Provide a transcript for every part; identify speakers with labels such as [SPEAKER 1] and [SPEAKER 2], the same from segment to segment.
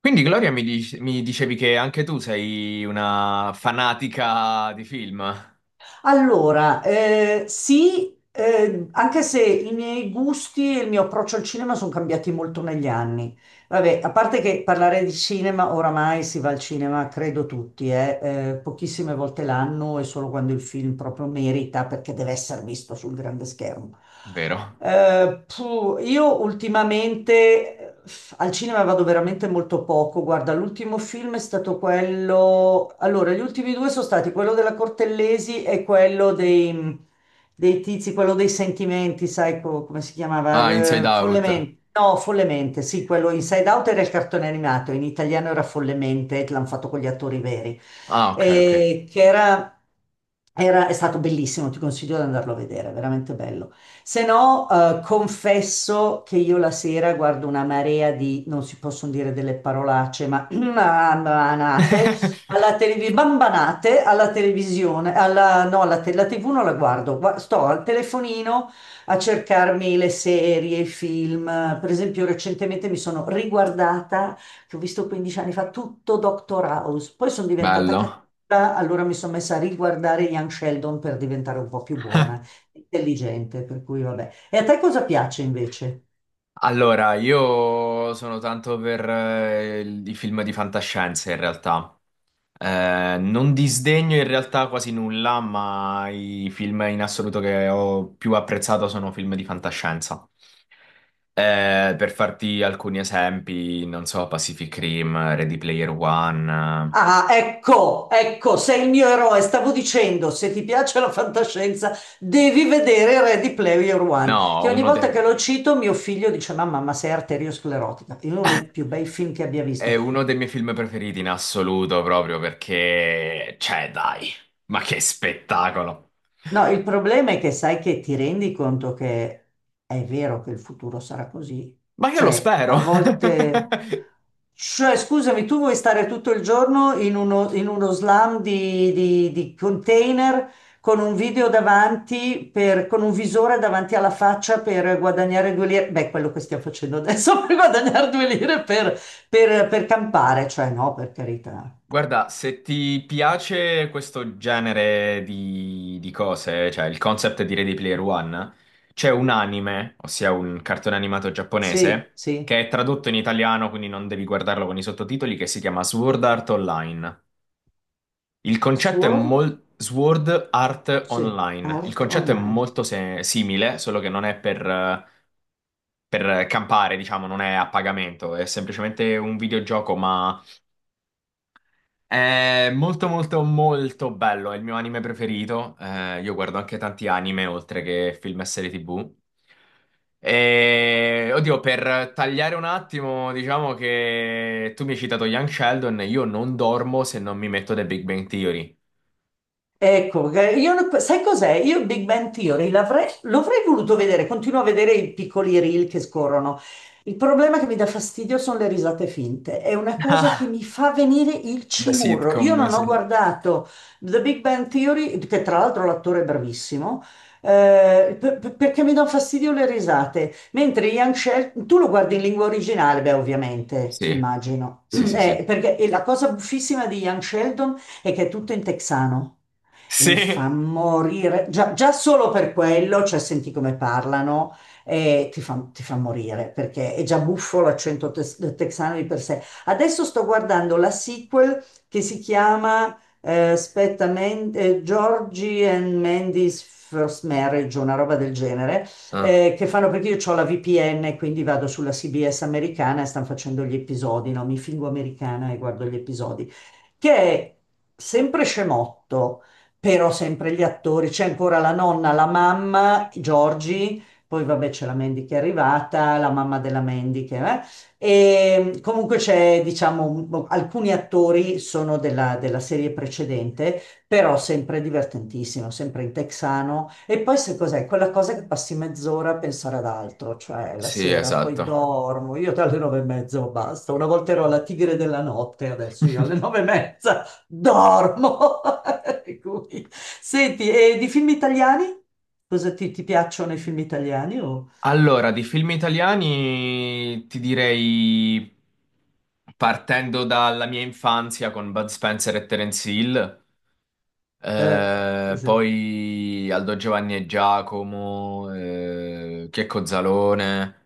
[SPEAKER 1] Quindi Gloria mi dicevi che anche tu sei una fanatica di film,
[SPEAKER 2] Allora, sì, anche se i miei gusti e il mio approccio al cinema sono cambiati molto negli anni. Vabbè, a parte che parlare di cinema, oramai si va al cinema, credo tutti, pochissime volte l'anno e solo quando il film proprio merita perché deve essere visto sul grande schermo.
[SPEAKER 1] vero?
[SPEAKER 2] Io ultimamente al cinema vado veramente molto poco. Guarda, l'ultimo film è stato quello. Allora, gli ultimi due sono stati quello della Cortellesi e quello dei tizi, quello dei sentimenti, sai come si
[SPEAKER 1] Ah,
[SPEAKER 2] chiamava?
[SPEAKER 1] Inside Out.
[SPEAKER 2] Follemente. No, Follemente, sì, quello Inside Out era il cartone animato, in italiano era Follemente, che l'hanno fatto con gli attori veri.
[SPEAKER 1] Ah, ok.
[SPEAKER 2] Eh, che era è stato bellissimo, ti consiglio di andarlo a vedere, è veramente bello. Se no, confesso che io la sera guardo una marea di, non si possono dire delle parolacce, ma banate alla televisione, bambanate alla televisione, alla, no, la TV non la guardo, sto al telefonino a cercarmi le serie, i film. Per esempio, recentemente mi sono riguardata che ho visto 15 anni fa, tutto Dr. House. Poi sono diventata
[SPEAKER 1] Bello.
[SPEAKER 2] cattiva, allora mi sono messa a riguardare Young Sheldon per diventare un po' più buona, intelligente, per cui vabbè. E a te cosa piace invece?
[SPEAKER 1] Allora, io sono tanto per i film di fantascienza in realtà. Non disdegno in realtà quasi nulla, ma i film in assoluto che ho più apprezzato sono film di fantascienza. Per farti alcuni esempi, non so, Pacific Rim, Ready Player One.
[SPEAKER 2] Ah, ecco, ecco, sei il mio eroe. Stavo dicendo, se ti piace la fantascienza, devi vedere Ready Player One,
[SPEAKER 1] No,
[SPEAKER 2] che ogni volta che lo cito mio figlio dice, mamma, ma sei arteriosclerotica. È uno dei più bei film che abbia
[SPEAKER 1] è
[SPEAKER 2] visto.
[SPEAKER 1] uno dei miei film preferiti in assoluto, proprio perché, cioè, dai, ma che spettacolo!
[SPEAKER 2] No, il problema è che sai che ti rendi conto che è vero che il futuro sarà così.
[SPEAKER 1] Ma io lo
[SPEAKER 2] Cioè,
[SPEAKER 1] spero!
[SPEAKER 2] a volte... Cioè, scusami, tu vuoi stare tutto il giorno in uno slam di container con un video davanti, con un visore davanti alla faccia per guadagnare due lire? Beh, quello che stiamo facendo adesso per guadagnare due lire per campare. Cioè, no, per carità.
[SPEAKER 1] Guarda, se ti piace questo genere di cose, cioè il concept di Ready Player One, c'è un anime, ossia un cartone animato
[SPEAKER 2] Sì,
[SPEAKER 1] giapponese, che
[SPEAKER 2] sì.
[SPEAKER 1] è tradotto in italiano, quindi non devi guardarlo con i sottotitoli, che si chiama Sword Art Online. Il concetto è
[SPEAKER 2] Sword?
[SPEAKER 1] molto... Sword Art
[SPEAKER 2] Sì.
[SPEAKER 1] Online. Il
[SPEAKER 2] Art
[SPEAKER 1] concetto è
[SPEAKER 2] online.
[SPEAKER 1] molto se- simile, solo che non è per campare, diciamo, non è a pagamento, è semplicemente un videogioco, ma è molto molto molto bello, è il mio anime preferito. Io guardo anche tanti anime oltre che film e serie TV. E oddio, per tagliare un attimo, diciamo che tu mi hai citato Young Sheldon, io non dormo se non mi metto The Big Bang Theory.
[SPEAKER 2] Ecco, sai cos'è? Io Big Bang Theory l'avrei voluto vedere, continuo a vedere i piccoli reel che scorrono. Il problema che mi dà fastidio sono le risate finte, è una cosa che
[SPEAKER 1] Ah,
[SPEAKER 2] mi fa venire il
[SPEAKER 1] da
[SPEAKER 2] cimurro. Io
[SPEAKER 1] sitcom,
[SPEAKER 2] non ho
[SPEAKER 1] sì.
[SPEAKER 2] guardato The Big Bang Theory, che tra l'altro l'attore è bravissimo, perché mi dà fastidio le risate. Mentre Young Sheldon, tu lo guardi in lingua originale, beh, ovviamente,
[SPEAKER 1] Sì,
[SPEAKER 2] immagino.
[SPEAKER 1] sì, sì, sì.
[SPEAKER 2] Perché e la cosa buffissima di Young Sheldon è che è tutto in texano e fa
[SPEAKER 1] Sì.
[SPEAKER 2] morire, già, già solo per quello, cioè senti come parlano, e ti fa morire, perché è già buffo l'accento texano di per sé. Adesso sto guardando la sequel che si chiama aspetta, Georgie and Mandy's First Marriage, una roba del genere,
[SPEAKER 1] Ah,
[SPEAKER 2] che fanno perché io ho la VPN, quindi vado sulla CBS americana e stanno facendo gli episodi, no? Mi fingo americana e guardo gli episodi, che è sempre scemotto, però sempre gli attori, c'è ancora la nonna, la mamma, Giorgi, poi vabbè c'è la Mandy che è arrivata, la mamma della Mandy che eh? E comunque c'è, diciamo, alcuni attori sono della serie precedente, però sempre divertentissimo, sempre in texano. E poi se cos'è? Quella cosa che passi mezz'ora a pensare ad altro, cioè la
[SPEAKER 1] sì,
[SPEAKER 2] sera poi
[SPEAKER 1] esatto.
[SPEAKER 2] dormo, io alle nove e mezza basta, una volta ero la tigre della notte, adesso io alle nove e mezza. Dormo. Per cui. Senti, e di film italiani? Cosa ti piacciono i film italiani?
[SPEAKER 1] Allora, di film italiani ti direi, partendo dalla mia infanzia con Bud Spencer e Terence Hill,
[SPEAKER 2] Eh, sì, sì.
[SPEAKER 1] poi Aldo Giovanni e Giacomo, Checco Zalone.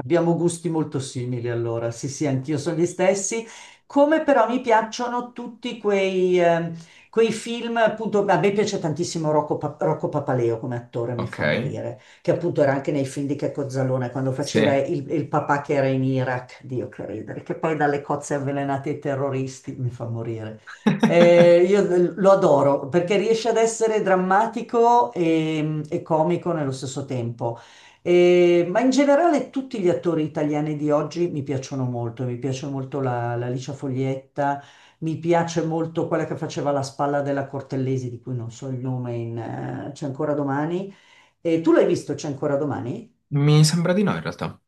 [SPEAKER 2] Abbiamo gusti molto simili allora, sì sì, anch'io sono gli stessi, come però mi piacciono tutti quei, quei film, appunto, a me piace tantissimo Rocco Papaleo come attore, mi
[SPEAKER 1] Ok,
[SPEAKER 2] fa morire, che appunto era anche nei film di Checco Zalone, quando faceva
[SPEAKER 1] sì.
[SPEAKER 2] il papà che era in Iraq, Dio che ridere, che poi dalle cozze avvelenate ai terroristi, mi fa morire. Io lo adoro perché riesce ad essere drammatico e comico nello stesso tempo. Ma in generale tutti gli attori italiani di oggi mi piacciono molto, mi piace molto la Licia Foglietta, mi piace molto quella che faceva la spalla della Cortellesi, di cui non so il nome, in, C'è ancora domani. E tu l'hai visto C'è ancora domani?
[SPEAKER 1] Mi sembra di no in realtà.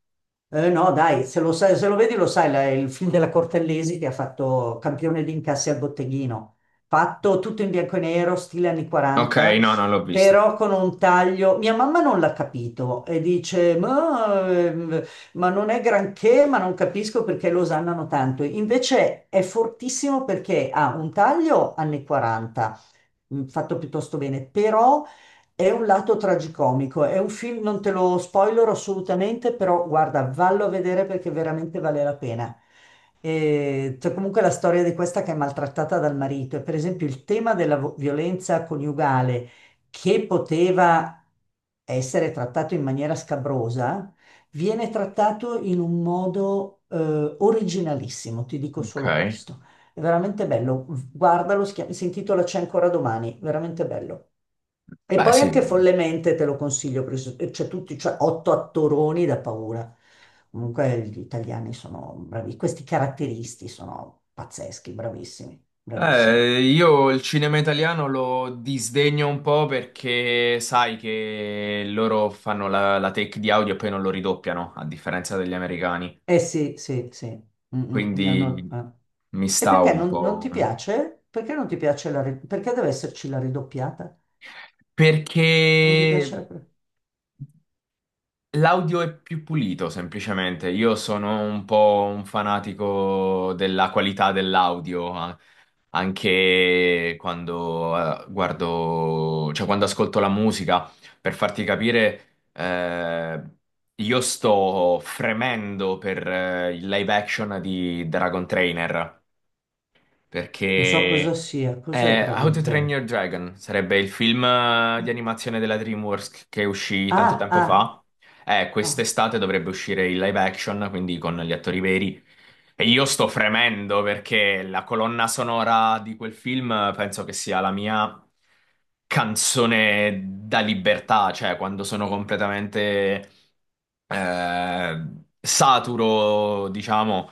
[SPEAKER 2] No, dai, se lo vedi lo sai, il film della Cortellesi che ha fatto campione di incassi al botteghino, fatto tutto in bianco e nero, stile anni
[SPEAKER 1] Ok,
[SPEAKER 2] 40,
[SPEAKER 1] no, non l'ho visto.
[SPEAKER 2] però con un taglio. Mia mamma non l'ha capito e dice, ma non è granché, ma non capisco perché lo osannano tanto. Invece è fortissimo perché ha un taglio anni 40, fatto piuttosto bene, però è un lato tragicomico, è un film, non te lo spoilero assolutamente, però guarda, vallo a vedere perché veramente vale la pena. E c'è comunque la storia di questa che è maltrattata dal marito e per esempio il tema della violenza coniugale che poteva essere trattato in maniera scabrosa, viene trattato in un modo originalissimo, ti dico
[SPEAKER 1] Ok.
[SPEAKER 2] solo questo. È veramente bello, guardalo, si intitola C'è ancora domani, veramente bello. E
[SPEAKER 1] Beh,
[SPEAKER 2] poi
[SPEAKER 1] sì.
[SPEAKER 2] anche follemente te lo consiglio, perché c'è tutti, cioè 8 attoroni da paura. Comunque gli italiani sono bravi, questi caratteristi sono pazzeschi, bravissimi, bravissimi.
[SPEAKER 1] Io il cinema italiano lo disdegno un po' perché sai che loro fanno la take di audio e poi non lo ridoppiano, a differenza degli americani.
[SPEAKER 2] Eh sì, sì, sì. Mm, mm, no, no,
[SPEAKER 1] Quindi mi
[SPEAKER 2] eh. E
[SPEAKER 1] stavo
[SPEAKER 2] perché
[SPEAKER 1] un
[SPEAKER 2] non
[SPEAKER 1] po'.
[SPEAKER 2] ti piace? Perché non ti piace la... Perché deve esserci la ridoppiata? Non ti piace
[SPEAKER 1] Perché.
[SPEAKER 2] la...
[SPEAKER 1] L'audio è più pulito, semplicemente. Io sono un po' un fanatico della qualità dell'audio, a- anche quando guardo, cioè quando ascolto la musica, per farti capire, io sto fremendo per il live action di Dragon Trainer
[SPEAKER 2] Non so cosa
[SPEAKER 1] perché
[SPEAKER 2] sia, cos'è
[SPEAKER 1] è How
[SPEAKER 2] Dragon
[SPEAKER 1] to
[SPEAKER 2] Train?
[SPEAKER 1] Train Your Dragon, sarebbe il film di animazione della DreamWorks che uscì tanto
[SPEAKER 2] Ah,
[SPEAKER 1] tempo
[SPEAKER 2] ah,
[SPEAKER 1] fa.
[SPEAKER 2] ah,
[SPEAKER 1] Quest'estate dovrebbe uscire il live action, quindi con gli attori veri. E io sto fremendo perché la colonna sonora di quel film penso che sia la mia canzone da libertà, cioè quando sono completamente eh, saturo, diciamo,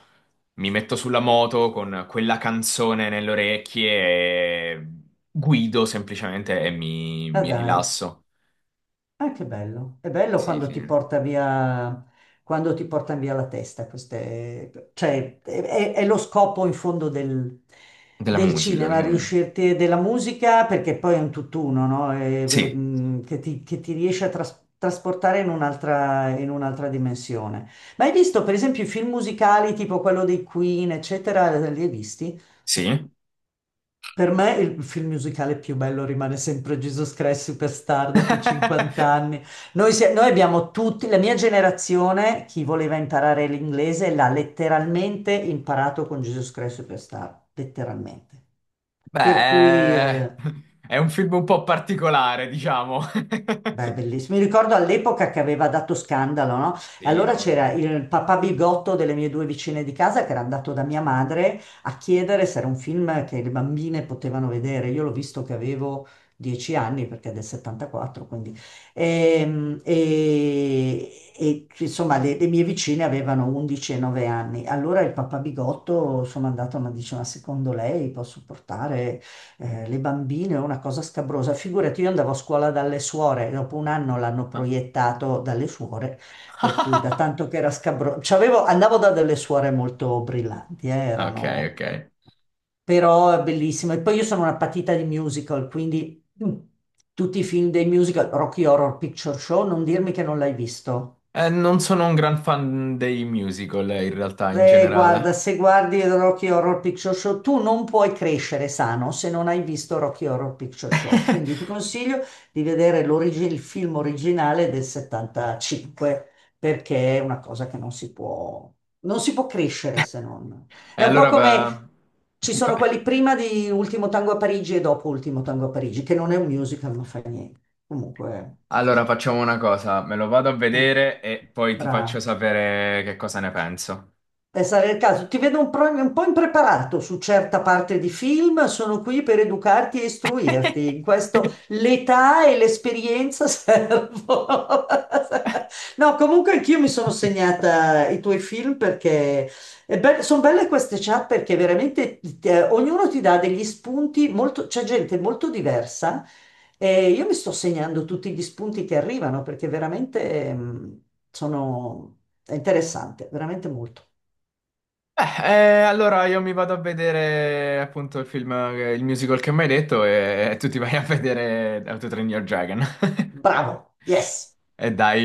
[SPEAKER 1] mi metto sulla moto con quella canzone nelle orecchie e guido semplicemente e
[SPEAKER 2] ah
[SPEAKER 1] mi
[SPEAKER 2] dai.
[SPEAKER 1] rilasso.
[SPEAKER 2] Ah, che bello. È bello
[SPEAKER 1] Sì,
[SPEAKER 2] quando
[SPEAKER 1] sì.
[SPEAKER 2] ti porta via, quando ti portano via la testa. Queste, cioè, è- È lo scopo in fondo del,
[SPEAKER 1] Della
[SPEAKER 2] del
[SPEAKER 1] musica,
[SPEAKER 2] cinema,
[SPEAKER 1] sì.
[SPEAKER 2] riuscirti, della musica, perché poi è un tutt'uno, no?
[SPEAKER 1] Sì,
[SPEAKER 2] Che che ti riesce a trasportare in un'altra dimensione. Ma hai visto, per esempio, i film musicali tipo quello dei Queen, eccetera, li hai visti?
[SPEAKER 1] sì.
[SPEAKER 2] Per me il film musicale più bello rimane sempre Jesus Christ Superstar dopo 50 anni. Noi abbiamo tutti, la mia generazione, chi voleva imparare l'inglese l'ha letteralmente imparato con Jesus Christ Superstar, letteralmente. Per cui
[SPEAKER 1] Beh, è un film un po' particolare, diciamo.
[SPEAKER 2] beh, bellissimo. Mi ricordo all'epoca che aveva dato scandalo, no? E
[SPEAKER 1] Sì, a
[SPEAKER 2] allora
[SPEAKER 1] voglia.
[SPEAKER 2] c'era il papà bigotto delle mie due vicine di casa che era andato da mia madre a chiedere se era un film che le bambine potevano vedere. Io l'ho visto che avevo 10 anni perché è del 74, quindi. Ehm, E, insomma, le mie vicine avevano 11 e 9 anni. Allora il papà bigotto, sono andato, ma dice, ma secondo lei posso portare le bambine è una cosa scabrosa. Figurati, io andavo a scuola dalle suore, dopo un anno l'hanno
[SPEAKER 1] Ah,
[SPEAKER 2] proiettato dalle suore, per cui da tanto che era scabroso. C'avevo, andavo da delle suore molto brillanti,
[SPEAKER 1] Ok,
[SPEAKER 2] erano
[SPEAKER 1] ok.
[SPEAKER 2] però è bellissimo. E poi io sono una patita di musical, quindi tutti i film dei musical, Rocky Horror Picture Show, non dirmi che non l'hai visto.
[SPEAKER 1] Non sono un gran fan dei musical, in realtà, in
[SPEAKER 2] Beh, guarda,
[SPEAKER 1] generale.
[SPEAKER 2] se guardi Rocky Horror Picture Show, tu non puoi crescere sano se non hai visto Rocky Horror Picture Show. Quindi ti consiglio di vedere il film originale del 75, perché è una cosa che non si può, non si può crescere se non.
[SPEAKER 1] E
[SPEAKER 2] È un po'
[SPEAKER 1] allora,
[SPEAKER 2] come
[SPEAKER 1] va-
[SPEAKER 2] ci sono quelli prima di Ultimo Tango a Parigi e dopo Ultimo Tango a Parigi, che non è un musical, non fa niente. Comunque,
[SPEAKER 1] allora facciamo una cosa, me lo vado a
[SPEAKER 2] ah,
[SPEAKER 1] vedere e poi ti faccio
[SPEAKER 2] bravo.
[SPEAKER 1] sapere che cosa ne penso.
[SPEAKER 2] Sarà il caso. Ti vedo un po' impreparato su certa parte di film, sono qui per educarti e istruirti. In questo l'età e l'esperienza servono. No, comunque anch'io mi sono segnata i tuoi film perché sono belle queste chat perché veramente ognuno ti dà degli spunti, molto, c'è gente molto diversa. E io mi sto segnando tutti gli spunti che arrivano perché veramente sono... è interessante, veramente molto.
[SPEAKER 1] Eh, allora io mi vado a vedere appunto il film, il musical che mi hai detto e tu ti vai a vedere How to Train Your Dragon.
[SPEAKER 2] Bravo, yes.
[SPEAKER 1] E dai.